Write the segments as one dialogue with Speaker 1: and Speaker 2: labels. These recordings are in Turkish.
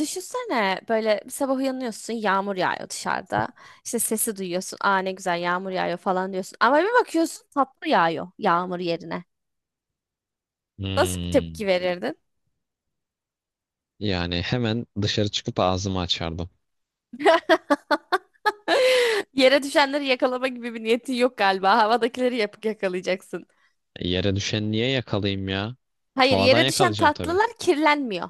Speaker 1: Düşünsene böyle bir sabah uyanıyorsun yağmur yağıyor dışarıda. İşte sesi duyuyorsun. Aa ne güzel yağmur yağıyor falan diyorsun. Ama bir bakıyorsun tatlı yağıyor yağmur yerine. Nasıl bir
Speaker 2: Hmm.
Speaker 1: tepki verirdin?
Speaker 2: Yani hemen dışarı çıkıp ağzımı açardım.
Speaker 1: Yere düşenleri yakalama gibi bir niyetin yok galiba. Havadakileri yapıp yakalayacaksın.
Speaker 2: E, yere düşen niye yakalayayım ya?
Speaker 1: Hayır
Speaker 2: Havadan
Speaker 1: yere düşen
Speaker 2: yakalayacağım tabii.
Speaker 1: tatlılar kirlenmiyor.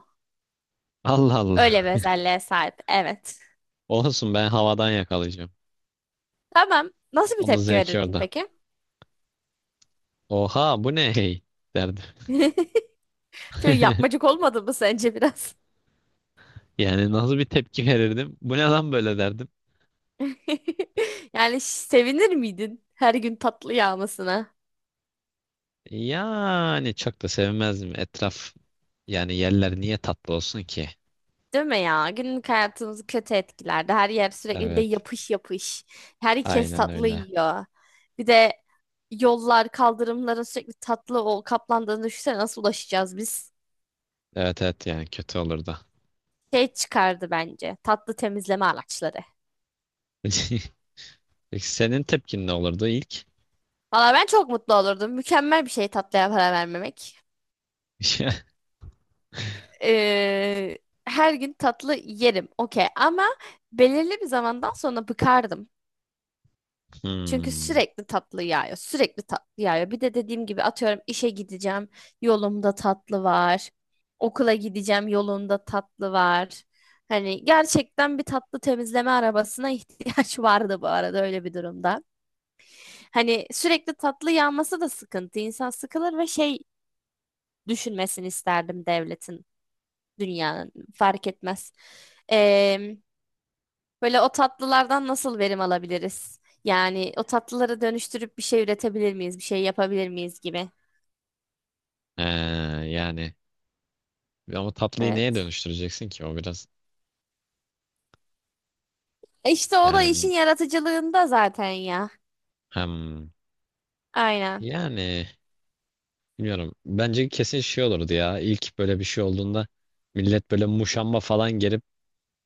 Speaker 2: Allah Allah.
Speaker 1: Öyle bir özelliğe sahip. Evet.
Speaker 2: Olsun ben havadan yakalayacağım.
Speaker 1: Tamam. Nasıl bir
Speaker 2: Onun
Speaker 1: tepki
Speaker 2: zevki
Speaker 1: verirdin
Speaker 2: orada.
Speaker 1: peki?
Speaker 2: Oha bu ne hey derdim.
Speaker 1: Çok yapmacık olmadı mı sence biraz?
Speaker 2: Yani nasıl bir tepki verirdim? Bu ne lan böyle derdim.
Speaker 1: Yani sevinir miydin her gün tatlı yağmasına?
Speaker 2: Yani çok da sevmezdim. Etraf, yani yerler niye tatlı olsun ki?
Speaker 1: Değil mi ya? Günlük hayatımızı kötü etkilerdi. Her yer sürekli bir de
Speaker 2: Evet.
Speaker 1: yapış yapış. Herkes
Speaker 2: Aynen
Speaker 1: tatlı
Speaker 2: öyle.
Speaker 1: yiyor. Bir de yollar, kaldırımların sürekli tatlı o kaplandığını düşünsene nasıl ulaşacağız biz?
Speaker 2: Evet, evet, yani kötü olurdu.
Speaker 1: Şey çıkardı bence. Tatlı temizleme araçları.
Speaker 2: Peki senin tepkin ne olurdu ilk?
Speaker 1: Valla ben çok mutlu olurdum. Mükemmel bir şey tatlıya para vermemek. Ee, her gün tatlı yerim. Okey ama belirli bir zamandan sonra bıkardım. Çünkü
Speaker 2: Hmm.
Speaker 1: sürekli tatlı yağıyor. Sürekli tatlı yağıyor. Bir de dediğim gibi atıyorum işe gideceğim yolumda tatlı var. Okula gideceğim yolunda tatlı var. Hani gerçekten bir tatlı temizleme arabasına ihtiyaç vardı bu arada öyle bir durumda. Hani sürekli tatlı yağması da sıkıntı. İnsan sıkılır ve şey düşünmesini isterdim devletin, dünyanın fark etmez. Ee, Böyle o tatlılardan nasıl verim alabiliriz? Yani o tatlıları dönüştürüp bir şey üretebilir miyiz? Bir şey yapabilir miyiz gibi.
Speaker 2: Ee, Yani ama tatlıyı neye
Speaker 1: Evet.
Speaker 2: dönüştüreceksin ki? O biraz,
Speaker 1: E İşte o da işin
Speaker 2: yani
Speaker 1: yaratıcılığında zaten ya.
Speaker 2: hem,
Speaker 1: Aynen.
Speaker 2: yani bilmiyorum. Bence kesin şey olurdu ya. İlk böyle bir şey olduğunda millet böyle muşamba falan gelip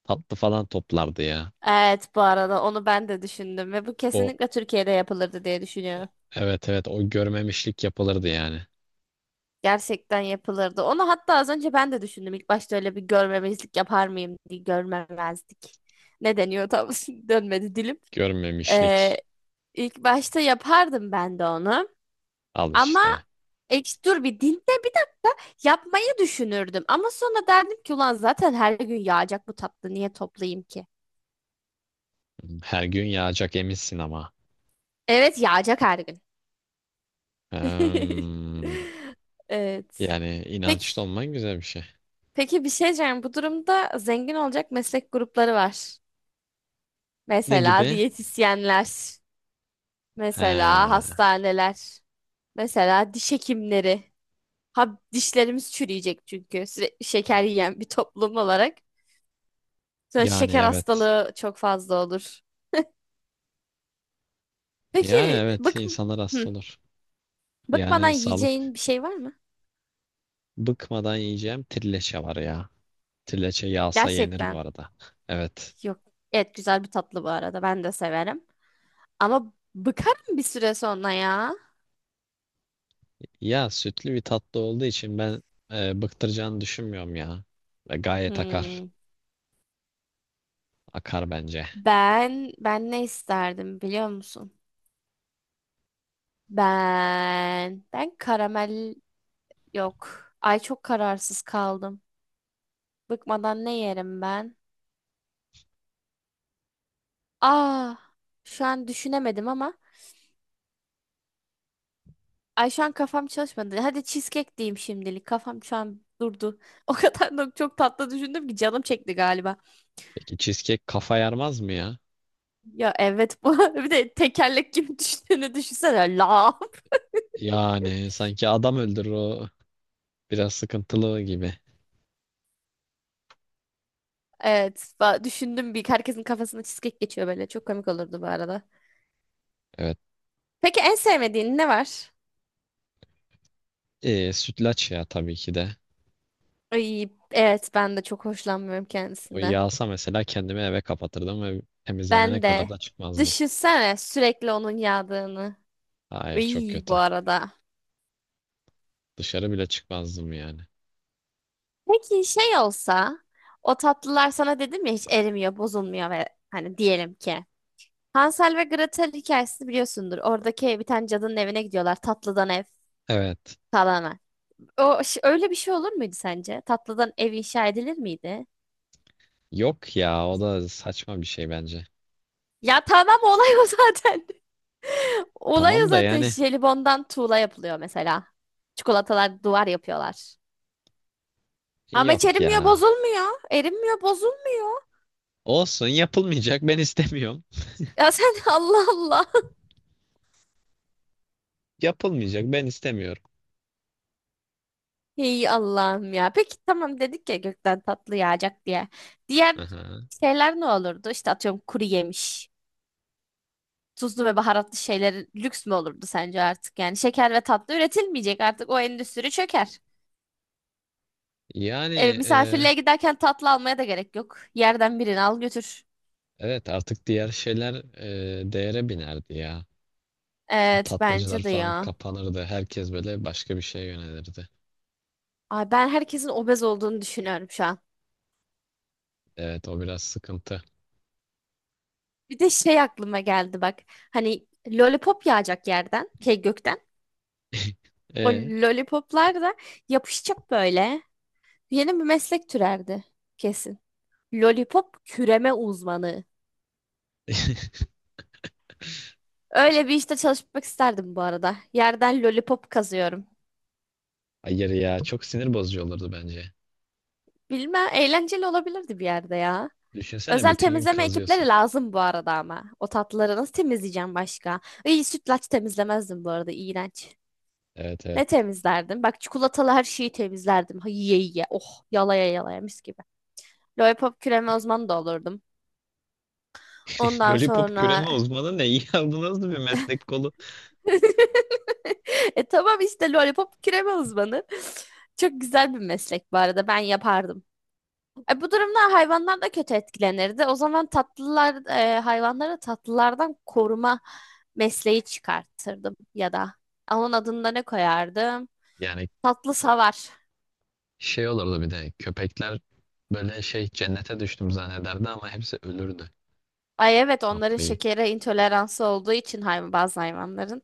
Speaker 2: tatlı falan toplardı ya.
Speaker 1: Evet bu arada onu ben de düşündüm ve bu
Speaker 2: O,
Speaker 1: kesinlikle Türkiye'de yapılırdı diye düşünüyorum.
Speaker 2: evet, evet, o görmemişlik yapılırdı yani.
Speaker 1: Gerçekten yapılırdı. Onu hatta az önce ben de düşündüm. İlk başta öyle bir görmemezlik yapar mıyım diye görmemezlik. Ne deniyor tam dönmedi dilim. Ee,
Speaker 2: Görmemişlik.
Speaker 1: ilk başta yapardım ben de onu.
Speaker 2: Al
Speaker 1: Ama
Speaker 2: işte.
Speaker 1: ek dur bir dinde bir de yapmayı düşünürdüm. Ama sonra derdim ki ulan zaten her gün yağacak bu tatlı niye toplayayım ki?
Speaker 2: Her gün yağacak eminsin ama.
Speaker 1: Evet yağacak her gün.
Speaker 2: Hmm.
Speaker 1: Evet.
Speaker 2: Yani inançlı
Speaker 1: Peki,
Speaker 2: olman güzel bir şey.
Speaker 1: peki bir şey diyeceğim. Bu durumda zengin olacak meslek grupları var.
Speaker 2: Ne
Speaker 1: Mesela
Speaker 2: gibi?
Speaker 1: diyetisyenler, mesela
Speaker 2: He.
Speaker 1: hastaneler, mesela diş hekimleri. Ha, dişlerimiz çürüyecek çünkü sürekli şeker yiyen bir toplum olarak. Sonra
Speaker 2: Yani
Speaker 1: şeker
Speaker 2: evet.
Speaker 1: hastalığı çok fazla olur.
Speaker 2: Yani
Speaker 1: Peki
Speaker 2: evet,
Speaker 1: bık
Speaker 2: insanlar hasta
Speaker 1: hı,
Speaker 2: olur.
Speaker 1: bıkmadan
Speaker 2: Yani sağlık,
Speaker 1: yiyeceğin bir şey var mı?
Speaker 2: bıkmadan yiyeceğim trileçe var ya. Trileçe yağsa yenir bu
Speaker 1: Gerçekten.
Speaker 2: arada. Evet.
Speaker 1: Yok. Evet güzel bir tatlı bu arada. Ben de severim. Ama bıkarım bir süre sonra ya.
Speaker 2: Ya sütlü bir tatlı olduğu için ben bıktıracağını düşünmüyorum ya. Ve gayet akar.
Speaker 1: Hmm.
Speaker 2: Akar bence.
Speaker 1: Ben ne isterdim biliyor musun? Ben karamel yok. Ay çok kararsız kaldım. Bıkmadan ne yerim ben? Ah şu an düşünemedim ama ay şu an kafam çalışmadı. Hadi cheesecake diyeyim şimdilik. Kafam şu an durdu. O kadar da çok tatlı düşündüm ki canım çekti galiba.
Speaker 2: Peki cheesecake kafa yarmaz mı ya?
Speaker 1: Ya evet bu. Bir de tekerlek gibi düştüğünü düşünsene. La.
Speaker 2: Yani sanki adam öldürür o, biraz sıkıntılı gibi.
Speaker 1: Evet. Düşündüm bir. Herkesin kafasına cheesecake geçiyor böyle. Çok komik olurdu bu arada.
Speaker 2: Evet.
Speaker 1: Peki en sevmediğin ne var?
Speaker 2: Sütlaç ya, tabii ki de.
Speaker 1: Ay, evet ben de çok hoşlanmıyorum
Speaker 2: O
Speaker 1: kendisinden.
Speaker 2: yağsa mesela kendimi eve kapatırdım ve temizlenene
Speaker 1: Ben
Speaker 2: kadar
Speaker 1: de.
Speaker 2: da çıkmazdım.
Speaker 1: Düşünsene sürekli onun yağdığını.
Speaker 2: Hayır, çok
Speaker 1: İyi bu
Speaker 2: kötü.
Speaker 1: arada.
Speaker 2: Dışarı bile çıkmazdım yani.
Speaker 1: Peki şey olsa o tatlılar sana dedim ya hiç erimiyor, bozulmuyor ve hani diyelim ki Hansel ve Gretel hikayesini biliyorsundur. Oradaki bir tane cadının evine gidiyorlar. Tatlıdan ev
Speaker 2: Evet.
Speaker 1: kalana. Öyle bir şey olur muydu sence? Tatlıdan ev inşa edilir miydi?
Speaker 2: Yok ya, o da saçma bir şey bence.
Speaker 1: Ya tamam olay o zaten. Olay o
Speaker 2: Tamam da
Speaker 1: zaten.
Speaker 2: yani,
Speaker 1: Jelibondan tuğla yapılıyor mesela. Çikolatalar duvar yapıyorlar. Ama hiç
Speaker 2: yok
Speaker 1: erimiyor,
Speaker 2: ya.
Speaker 1: bozulmuyor. Erimiyor, bozulmuyor.
Speaker 2: Olsun, yapılmayacak, ben istemiyorum.
Speaker 1: Ya sen Allah Allah.
Speaker 2: Yapılmayacak, ben istemiyorum.
Speaker 1: Ey Allah'ım ya. Peki tamam dedik ya gökten tatlı yağacak diye. Diğer
Speaker 2: Aha.
Speaker 1: şeyler ne olurdu? İşte atıyorum kuru yemiş. Tuzlu ve baharatlı şeyler lüks mü olurdu sence artık? Yani şeker ve tatlı üretilmeyecek artık o endüstri çöker.
Speaker 2: Yani e,
Speaker 1: Misafirliğe giderken tatlı almaya da gerek yok. Yerden birini al götür.
Speaker 2: evet, artık diğer şeyler değere binerdi ya.
Speaker 1: Evet
Speaker 2: Tatlıcılar
Speaker 1: bence de
Speaker 2: falan
Speaker 1: ya.
Speaker 2: kapanırdı. Herkes böyle başka bir şeye yönelirdi.
Speaker 1: Ay ben herkesin obez olduğunu düşünüyorum şu an.
Speaker 2: Evet, o biraz sıkıntı.
Speaker 1: Bir de şey aklıma geldi bak. Hani lollipop yağacak yerden, şey gökten. O
Speaker 2: E?
Speaker 1: lollipoplar da yapışacak böyle. Yeni bir meslek türerdi kesin. Lollipop küreme uzmanı. Öyle bir işte çalışmak isterdim bu arada. Yerden lollipop kazıyorum.
Speaker 2: Hayır ya, çok sinir bozucu olurdu bence.
Speaker 1: Bilmem eğlenceli olabilirdi bir yerde ya.
Speaker 2: Düşünsene,
Speaker 1: Özel
Speaker 2: bütün gün
Speaker 1: temizleme ekipleri
Speaker 2: kazıyorsun.
Speaker 1: lazım bu arada ama. O tatlıları nasıl temizleyeceğim başka? İyi sütlaç temizlemezdim bu arada iğrenç.
Speaker 2: Evet, evet.
Speaker 1: Ne temizlerdim? Bak çikolatalı her şeyi temizlerdim. Ha, yiye yiye. Oh yalaya yalaya mis gibi. Lollipop küreme uzmanı da olurdum. Ondan
Speaker 2: Lollipop
Speaker 1: sonra
Speaker 2: küreme uzmanı ne iyi aldı, nasıl bir meslek kolu.
Speaker 1: e tamam işte lollipop küreme uzmanı. Çok güzel bir meslek bu arada ben yapardım. Bu durumda hayvanlar da kötü etkilenirdi. O zaman tatlılar hayvanları tatlılardan koruma mesleği çıkartırdım ya da. Onun adını da ne koyardım?
Speaker 2: Yani
Speaker 1: Tatlı savar.
Speaker 2: şey olurdu, bir de köpekler böyle şey cennete düştüm zannederdi, ama hepsi ölürdü
Speaker 1: Ay evet onların
Speaker 2: tatlıyı.
Speaker 1: şekere intoleransı olduğu için bazı hayvanların.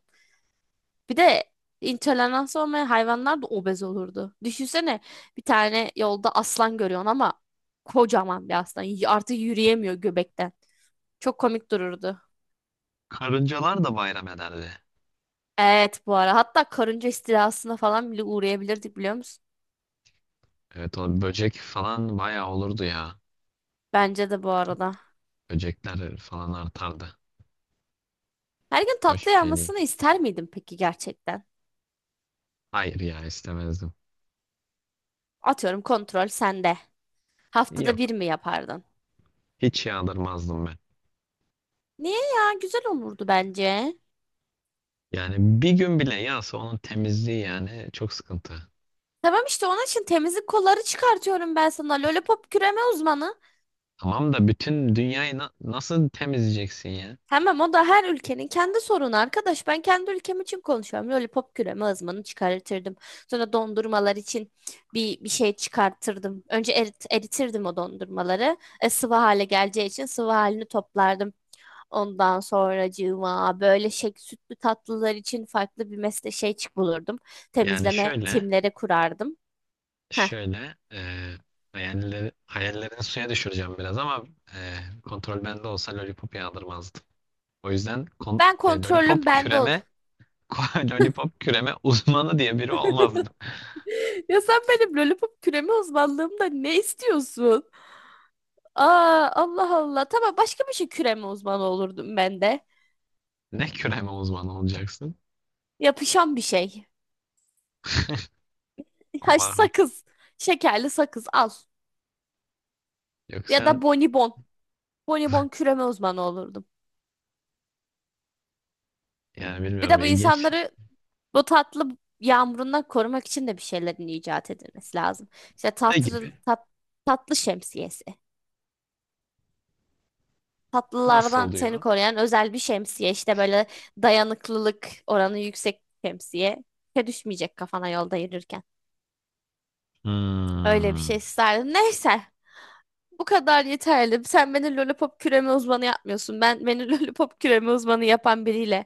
Speaker 1: Bir de intolerans olmayan hayvanlar da obez olurdu. Düşünsene bir tane yolda aslan görüyorsun ama kocaman bir aslan. Artık yürüyemiyor göbekten. Çok komik dururdu.
Speaker 2: Karıncalar da bayram ederdi.
Speaker 1: Evet bu ara. Hatta karınca istilasına falan bile uğrayabilirdik biliyor musun?
Speaker 2: Evet, o böcek falan bayağı olurdu ya.
Speaker 1: Bence de bu arada.
Speaker 2: Böcekler falan artardı.
Speaker 1: Her gün tatlı
Speaker 2: Hoş bir şey değil.
Speaker 1: yapmasını ister miydin peki gerçekten?
Speaker 2: Hayır ya, istemezdim.
Speaker 1: Atıyorum kontrol sende. Haftada bir
Speaker 2: Yok,
Speaker 1: mi yapardın?
Speaker 2: hiç yağdırmazdım ben.
Speaker 1: Niye ya? Güzel olurdu bence.
Speaker 2: Yani bir gün bile yağsa onun temizliği yani çok sıkıntı.
Speaker 1: Tamam işte onun için temizlik kolları çıkartıyorum ben sana. Lollipop küreme uzmanı.
Speaker 2: Tamam da bütün dünyayı nasıl temizleyeceksin ya?
Speaker 1: Tamam o da her ülkenin kendi sorunu arkadaş. Ben kendi ülkem için konuşuyorum. Lollipop küreme ızmanı çıkartırdım. Sonra dondurmalar için bir şey çıkartırdım. Önce eritirdim o dondurmaları. Sıvı hale geleceği için sıvı halini toplardım. Ondan sonracığıma böyle şey, sütlü tatlılar için farklı bir mesle şey çık bulurdum.
Speaker 2: Yani
Speaker 1: Temizleme
Speaker 2: şöyle
Speaker 1: timleri kurardım. Heh.
Speaker 2: Şöyle e, hayallerini suya düşüreceğim biraz ama e, kontrol bende olsa lollipop yağdırmazdım. O yüzden kon-
Speaker 1: Ben
Speaker 2: e,
Speaker 1: kontrolüm
Speaker 2: lollipop
Speaker 1: bende oldu.
Speaker 2: küreme lollipop küreme uzmanı diye biri olmazdım.
Speaker 1: Ya sen benim lollipop küreme uzmanlığımda ne istiyorsun? Aa, Allah Allah. Tamam başka bir şey küreme uzmanı olurdum ben de.
Speaker 2: Ne küreme uzmanı olacaksın?
Speaker 1: Yapışan bir şey. Ha,
Speaker 2: Allah'ım.
Speaker 1: sakız. Şekerli sakız al.
Speaker 2: Yok
Speaker 1: Ya
Speaker 2: sen,
Speaker 1: da bonibon. Bonibon küreme uzmanı olurdum.
Speaker 2: yani
Speaker 1: Bir
Speaker 2: bilmiyorum,
Speaker 1: de bu
Speaker 2: ilginç.
Speaker 1: insanları bu tatlı yağmurundan korumak için de bir şeylerin icat edilmesi lazım. İşte
Speaker 2: Ne gibi?
Speaker 1: tatlı şemsiyesi.
Speaker 2: Nasıl
Speaker 1: Tatlılardan seni
Speaker 2: oluyor?
Speaker 1: koruyan özel bir şemsiye. İşte böyle dayanıklılık oranı yüksek şemsiye. Düşmeyecek kafana yolda yürürken. Öyle bir şey
Speaker 2: Hmm,
Speaker 1: isterdim. Neyse. Bu kadar yeterli. Sen beni lollipop küreme uzmanı yapmıyorsun. Ben beni lollipop küreme uzmanı yapan biriyle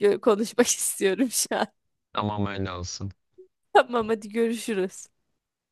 Speaker 1: konuşmak istiyorum şu an.
Speaker 2: tamam, öyle olsun.
Speaker 1: Tamam hadi görüşürüz.